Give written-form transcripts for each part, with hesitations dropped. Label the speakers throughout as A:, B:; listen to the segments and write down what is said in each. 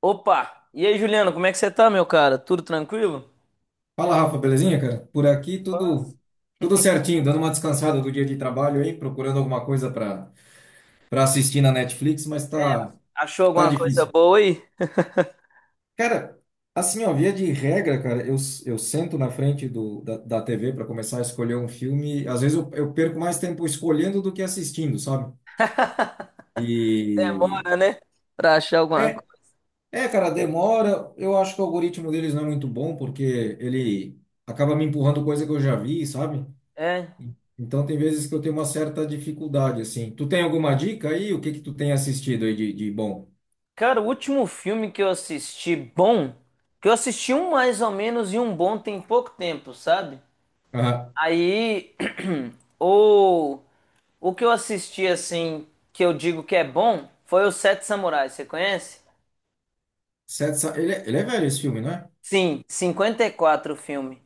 A: Opa! E aí, Juliano, como é que você tá, meu cara? Tudo tranquilo?
B: Fala, Rafa, belezinha, cara? Por aqui
A: Nossa.
B: tudo certinho, dando uma descansada do dia de trabalho aí, procurando alguma coisa para assistir na Netflix, mas
A: É,
B: tá
A: achou
B: tá
A: alguma coisa
B: difícil.
A: boa aí?
B: Cara, assim, ó, via de regra, cara, eu sento na frente da TV para começar a escolher um filme, às vezes eu perco mais tempo escolhendo do que assistindo, sabe? E
A: Demora, né? Pra achar alguma
B: é
A: coisa.
B: é, cara, demora. Eu acho que o algoritmo deles não é muito bom, porque ele acaba me empurrando coisa que eu já vi, sabe?
A: É.
B: Então tem vezes que eu tenho uma certa dificuldade, assim. Tu tem alguma dica aí? O que que tu tem assistido aí de bom?
A: Cara, o último filme que eu assisti bom, que eu assisti um mais ou menos e um bom tem pouco tempo, sabe?
B: Aham.
A: Aí, o, o que eu assisti, assim, que eu digo que é bom, foi o Sete Samurais, você conhece?
B: Ele, ele é velho esse filme, não é?
A: Sim, 54 o filme.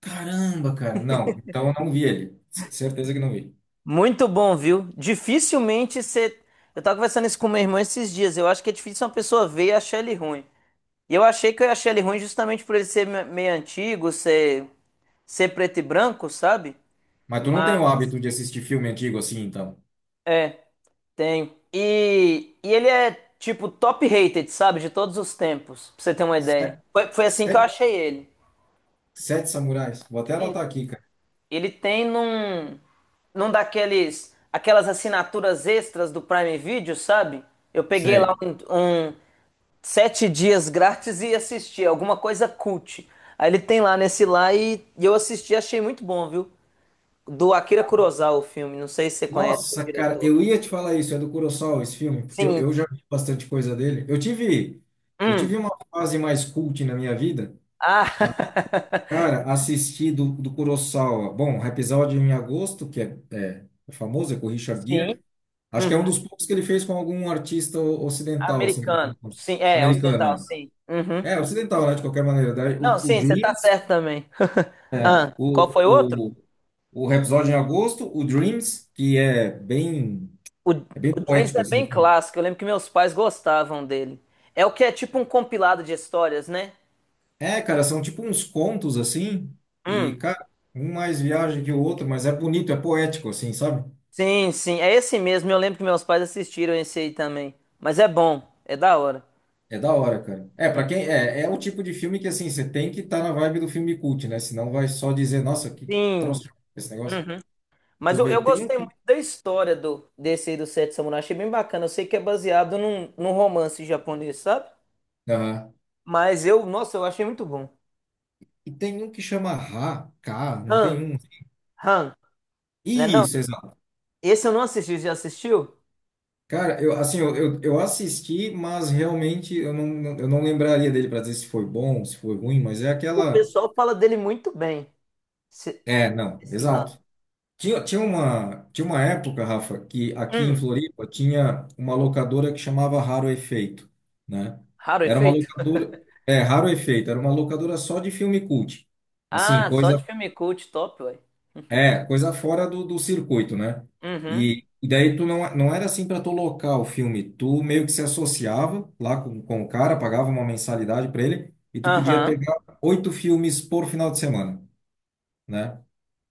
B: Caramba, cara. Não, então eu não vi ele. Certeza que não vi.
A: Muito bom, viu? Dificilmente você. Eu tava conversando isso com meu irmão esses dias. Eu acho que é difícil uma pessoa ver e achar ele ruim. E eu achei que eu achei ele ruim justamente por ele ser meio antigo, ser preto e branco, sabe?
B: Mas tu não tem o
A: Mas.
B: hábito de assistir filme antigo assim, então?
A: É, tem. E ele é, tipo, top rated, sabe? De todos os tempos, pra você ter uma ideia.
B: Sete,
A: Foi assim que eu
B: sete,
A: achei ele.
B: sete Samurais. Vou até
A: Isso.
B: anotar aqui, cara.
A: Ele tem num. Num daqueles. Aquelas assinaturas extras do Prime Video, sabe? Eu peguei lá
B: Sei.
A: um 7 dias grátis e assistir, alguma coisa cult. Aí ele tem lá nesse lá e eu assisti, achei muito bom, viu? Do Akira Kurosawa o filme, não sei se você conhece o
B: Nossa, cara,
A: diretor.
B: eu ia te falar isso. É do Kurosawa esse filme, porque eu,
A: Sim.
B: eu já vi bastante coisa dele. Eu tive, eu
A: Hum.
B: tive uma fase mais cult na minha vida.
A: Ah.
B: Cara, assisti do Kurosawa. Bom, episódio em agosto, que é famoso, é com o Richard
A: Sim.
B: Gere. Acho que é um
A: Uhum.
B: dos poucos que ele fez com algum artista ocidental, assim, pelo que me
A: Americano.
B: consta.
A: Sim, é, ocidental,
B: Americano,
A: sim. Uhum.
B: é. É, ocidental, né, de qualquer maneira. Daí O,
A: Não,
B: o
A: sim, você tá
B: Dreams,
A: certo também.
B: é,
A: Ah, qual
B: o,
A: foi o outro?
B: o, o episódio em agosto, o Dreams, que
A: O,
B: é bem
A: o Dreams
B: poético,
A: é
B: assim.
A: bem clássico, eu lembro que meus pais gostavam dele. É o que é tipo um compilado de histórias, né?
B: É, cara, são tipo uns contos, assim, e,
A: Hum.
B: cara, um mais viagem que o outro, mas é bonito, é poético, assim, sabe?
A: Sim, sim, é esse mesmo. Eu lembro que meus pais assistiram esse aí também. Mas é bom, é da hora.
B: É da hora, cara. É, pra quem é o tipo de filme que assim, você tem que estar na vibe do filme cult, né? Senão vai só dizer, nossa, que
A: Sim.
B: troço esse negócio.
A: Uhum.
B: Deixa
A: Mas
B: eu
A: eu
B: ver, tem um
A: gostei muito
B: que.
A: da história do desse aí do Sete Samurai. Achei bem bacana. Eu sei que é baseado num romance japonês, sabe?
B: Aham.
A: Mas eu, nossa, eu achei muito bom.
B: E tem um que chama Ra, K, não
A: Han,
B: tem um.
A: Han, né não?
B: Isso, exato.
A: Esse eu não assisti, já assistiu?
B: Cara, eu assim, eu assisti, mas realmente eu não lembraria dele pra dizer se foi bom, se foi ruim, mas é
A: O
B: aquela.
A: pessoal fala dele muito bem. Esse,
B: É, não,
A: esse Han.
B: exato. Tinha uma época, Rafa, que aqui em
A: Hum,
B: Floripa tinha uma locadora que chamava Raro Efeito, né?
A: raro
B: Era uma
A: efeito?
B: locadora, é, Raro Efeito, era uma locadora só de filme cult. Assim,
A: Ah, só de
B: coisa,
A: filme cult, top, ué.
B: é, coisa fora do circuito, né?
A: Uhum.
B: E daí tu não era assim para tu locar o filme, tu meio que se associava lá com o cara, pagava uma mensalidade para ele e tu podia
A: Aham.
B: pegar oito filmes por final de semana, né?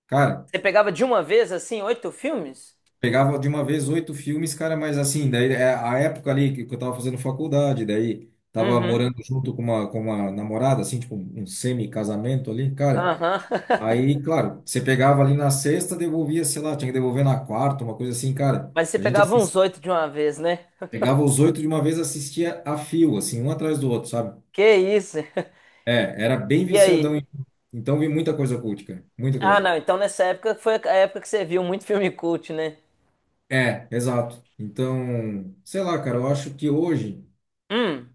B: Cara,
A: Você pegava de uma vez, assim, oito filmes?
B: pegava de uma vez oito filmes, cara, mas assim, daí é a época ali que eu tava fazendo faculdade, daí tava
A: Uhum.
B: morando junto com uma namorada, assim, tipo um semi-casamento ali, cara.
A: Aham.
B: Aí, claro, você pegava ali na sexta, devolvia, sei lá, tinha que devolver na quarta, uma coisa assim, cara.
A: Mas você
B: A gente
A: pegava
B: assist...
A: uns oito de uma vez, né?
B: pegava os oito de uma vez, assistia a fio, assim, um atrás do outro, sabe?
A: Que isso?
B: É, era bem
A: E aí?
B: viciadão. Em- então vi muita coisa cult, cara, muita
A: Ah,
B: coisa.
A: não. Então nessa época foi a época que você viu muito filme cult, né?
B: É, exato. Então, sei lá, cara, eu acho que hoje.
A: Hum,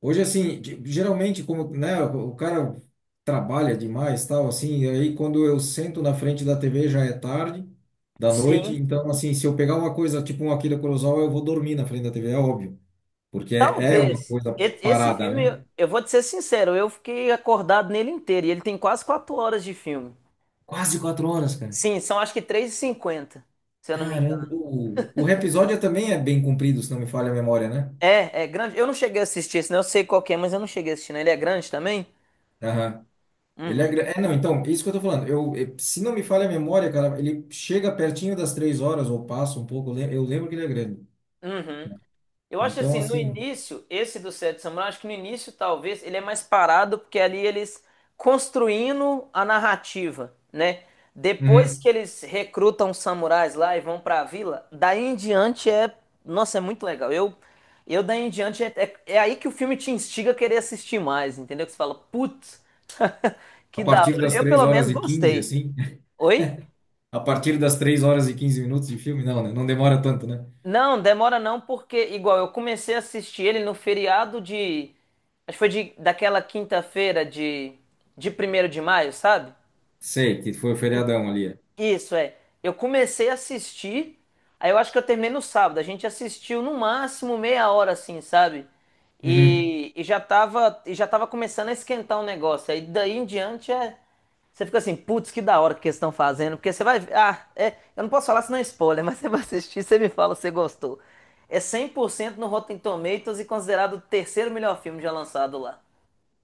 B: Hoje, assim, geralmente, como, né, o cara trabalha demais, tal, assim, e aí quando eu sento na frente da TV já é tarde, da noite,
A: sim.
B: então, assim, se eu pegar uma coisa, tipo um Akira Kurosawa, eu vou dormir na frente da TV, é óbvio, porque é uma
A: Talvez.
B: coisa
A: Esse
B: parada, né?
A: filme, eu vou te ser sincero, eu fiquei acordado nele inteiro. E ele tem quase 4 horas de filme.
B: Quase quatro horas, cara.
A: Sim, são acho que três e cinquenta, se eu não me
B: Caramba,
A: engano.
B: o episódio é também é bem comprido, se não me falha a memória, né?
A: É, é grande. Eu não cheguei a assistir esse, né? Eu sei qual que é, mas eu não cheguei a assistir, né? Ele é grande também?
B: Aham. Ele é,
A: Uhum.
B: não, então, isso que eu tô falando. Eu, se não me falha a memória, cara, ele chega pertinho das três horas, ou passa um pouco, eu lembro que ele é grande.
A: Uhum. Eu acho
B: Então,
A: assim, no
B: assim,
A: início, esse do Sete Samurai, acho que no início talvez ele é mais parado, porque ali eles construindo a narrativa, né? Depois
B: uhum,
A: que eles recrutam os samurais lá e vão pra vila, daí em diante é, nossa, é muito legal. Eu daí em diante é aí que o filme te instiga a querer assistir mais, entendeu? Que você fala, putz,
B: a
A: que da
B: partir
A: hora.
B: das
A: Eu
B: 3
A: pelo
B: horas
A: menos
B: e 15
A: gostei.
B: assim,
A: Oi?
B: a partir das 3 horas e 15 minutos de filme, não, né? Não demora tanto, né?
A: Não, demora não, porque igual eu comecei a assistir ele no feriado de, acho que foi de, daquela quinta-feira de 1º de maio, sabe?
B: Sei que foi o feriadão ali. É.
A: Isso é. Eu comecei a assistir, aí eu acho que eu terminei no sábado. A gente assistiu no máximo meia hora assim, sabe?
B: Uhum.
A: E já tava começando a esquentar o negócio. Aí daí em diante é você fica assim, putz, que da hora que eles estão fazendo, porque você vai ver. Ah, é, eu não posso falar senão é spoiler, mas você vai assistir, você me fala se você gostou. É 100% no Rotten Tomatoes e considerado o terceiro melhor filme já lançado lá.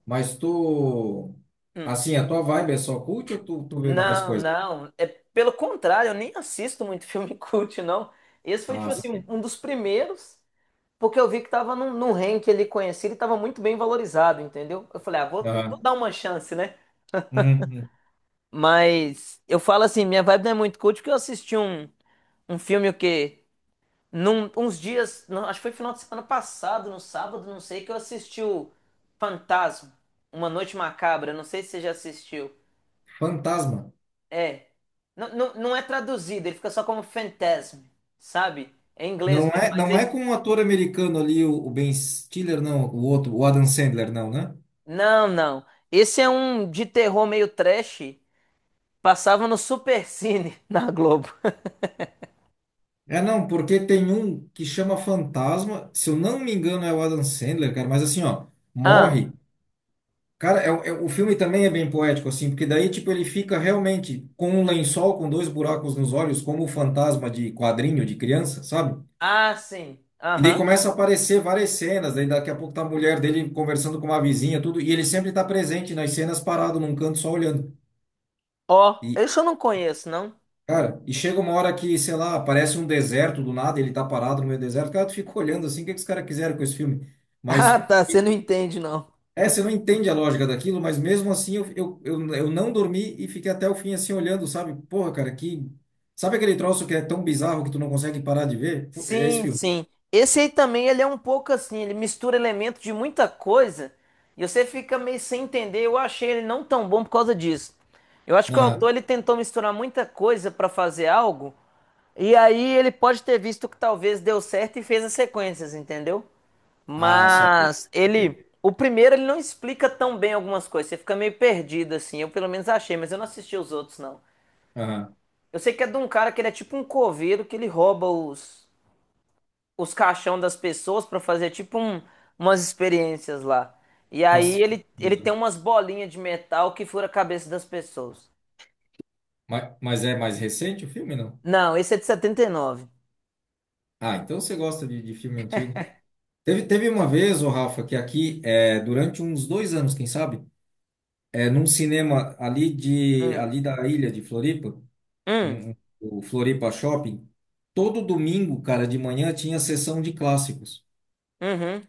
B: Mas tu,
A: Hum.
B: assim, a tua vibe é só cult ou tu vê mais
A: Não,
B: coisa?
A: não. É, pelo contrário, eu nem assisto muito filme cult, não. Esse foi,
B: Ah,
A: tipo assim, um,
B: saquei.
A: um dos primeiros, porque eu vi que tava num ranking ali conhecido e tava muito bem valorizado, entendeu? Eu falei, ah, vou
B: Aham.
A: dar uma chance, né?
B: Uhum, uhum.
A: Mas eu falo assim, minha vibe não é muito cult porque eu assisti um filme o quê? Num, uns dias, não, acho que foi final de semana passado, no sábado, não sei, que eu assisti o Fantasma, Uma Noite Macabra, não sei se você já assistiu.
B: Fantasma.
A: É. Não, não, não é traduzido, ele fica só como Fantasm, sabe? É em inglês
B: Não
A: mesmo,
B: é,
A: mas
B: não é
A: aí.
B: com um ator americano ali, o Ben Stiller, não, o outro, o Adam Sandler, não, né?
A: Não, não. Esse é um de terror meio trash. Passava no Supercine na Globo.
B: É, não, porque tem um que chama Fantasma, se eu não me engano é o Adam Sandler, cara, mas assim, ó,
A: Ah,
B: morre. Cara, é, o filme também é bem poético, assim, porque daí, tipo, ele fica realmente com um lençol com dois buracos nos olhos, como o fantasma de quadrinho de criança, sabe?
A: ah, sim.
B: E daí
A: Aham.
B: começa a aparecer várias cenas, daí daqui a pouco tá a mulher dele conversando com uma vizinha, tudo, e ele sempre tá presente nas cenas, parado num canto só olhando.
A: Ó,
B: E,
A: esse eu não conheço, não.
B: cara, e chega uma hora que, sei lá, aparece um deserto do nada, ele tá parado no meio do deserto, cara, tu fica olhando assim, o que que os caras quiseram com esse filme?
A: Ah,
B: Mas
A: tá, você não entende, não.
B: é, você não entende a lógica daquilo, mas mesmo assim eu não dormi e fiquei até o fim assim olhando, sabe? Porra, cara, que. Sabe aquele troço que é tão bizarro que tu não consegue parar de ver? É esse
A: Sim,
B: filme.
A: sim. Esse aí também, ele é um pouco assim, ele mistura elementos de muita coisa e você fica meio sem entender. Eu achei ele não tão bom por causa disso. Eu acho que o autor
B: Aham.
A: ele tentou misturar muita coisa pra fazer algo e aí ele pode ter visto que talvez deu certo e fez as sequências, entendeu?
B: Ah, saquei.
A: Mas
B: saquei.
A: ele, o primeiro ele não explica tão bem algumas coisas, você fica meio perdido assim. Eu pelo menos achei, mas eu não assisti os outros não.
B: Aham.
A: Eu sei que é de um cara que ele é tipo um coveiro que ele rouba os caixão das pessoas pra fazer tipo umas experiências lá. E aí
B: Nossa, que
A: ele tem
B: bizarro.
A: umas bolinhas de metal que fura a cabeça das pessoas.
B: Mas é mais recente o filme, não?
A: Não, esse é de 79.
B: Ah, então você gosta de filme antigo. Teve uma vez, o Rafa, que aqui, é, durante uns dois anos, quem sabe, é, num cinema ali, de,
A: Hum.
B: ali da ilha de Floripa,
A: Hum.
B: uhum, o Floripa Shopping, todo domingo, cara, de manhã tinha sessão de clássicos.
A: Uhum.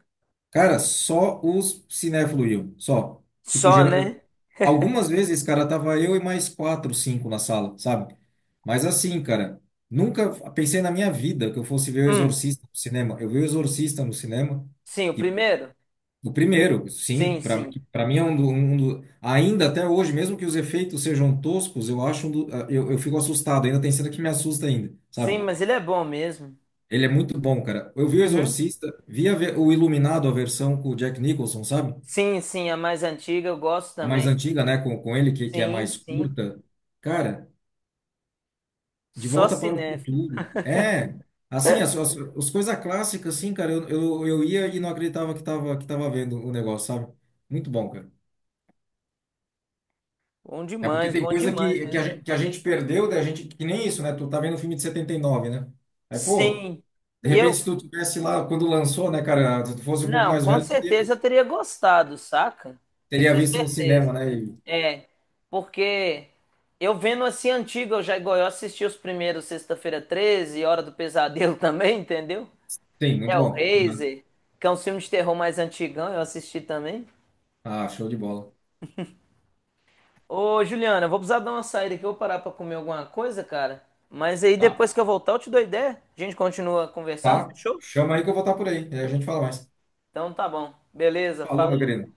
B: Cara, só os cinéfilos iam, só. Tipo,
A: Só,
B: geral...
A: né?
B: algumas vezes, cara, tava eu e mais quatro, cinco na sala, sabe? Mas assim, cara, nunca pensei na minha vida que eu fosse ver O
A: Hum.
B: Exorcista no cinema. Eu vi O Exorcista no cinema,
A: Sim, o
B: que
A: primeiro?
B: o primeiro, sim,
A: Sim,
B: pra
A: sim.
B: para mim é um, do, um ainda até hoje, mesmo que os efeitos sejam toscos, eu acho um do, eu fico assustado, ainda tem cena que me assusta ainda,
A: Sim,
B: sabe?
A: mas ele é bom mesmo.
B: Ele é muito bom, cara. Eu vi o
A: Uhum.
B: Exorcista, vi o Iluminado, a versão com o Jack Nicholson, sabe?
A: Sim, sim, a mais antiga eu gosto
B: A mais
A: também.
B: antiga, né? Com ele, que é
A: Sim,
B: mais
A: sim.
B: curta. Cara, De
A: Só
B: Volta para o
A: cinéfilo.
B: Futuro. É, assim, as coisas clássicas, assim, cara, eu ia e não acreditava que tava, vendo o negócio, sabe? Muito bom, cara. É porque tem
A: Bom
B: coisa
A: demais
B: que, que, a,
A: mesmo.
B: gente- que a gente perdeu, da gente, que nem isso, né? Tu tá vendo o filme de 79, né? Aí, pô,
A: Sim.
B: de repente,
A: Eu
B: se tu tivesse lá, quando lançou, né, cara, se tu fosse um pouco
A: Não,
B: mais
A: com
B: velho, teria-
A: certeza eu teria gostado, saca?
B: teria
A: Isso é
B: visto no
A: certeza.
B: cinema, né?
A: É, porque eu vendo assim antigo, eu já igual eu assisti os primeiros Sexta-feira 13, Hora do Pesadelo também, entendeu?
B: Sim, muito bom. Uhum.
A: Hellraiser, que é um filme de terror mais antigão, eu assisti também.
B: Ah, show de bola.
A: Ô, Juliana, eu vou precisar dar uma saída aqui, eu vou parar pra comer alguma coisa, cara. Mas aí
B: Tá.
A: depois que eu voltar, eu te dou ideia. A gente continua conversando,
B: Tá?
A: fechou?
B: Chama aí que eu vou estar por aí. E aí a gente fala mais.
A: Então tá bom. Beleza,
B: Falou, meu
A: falou.
B: querido.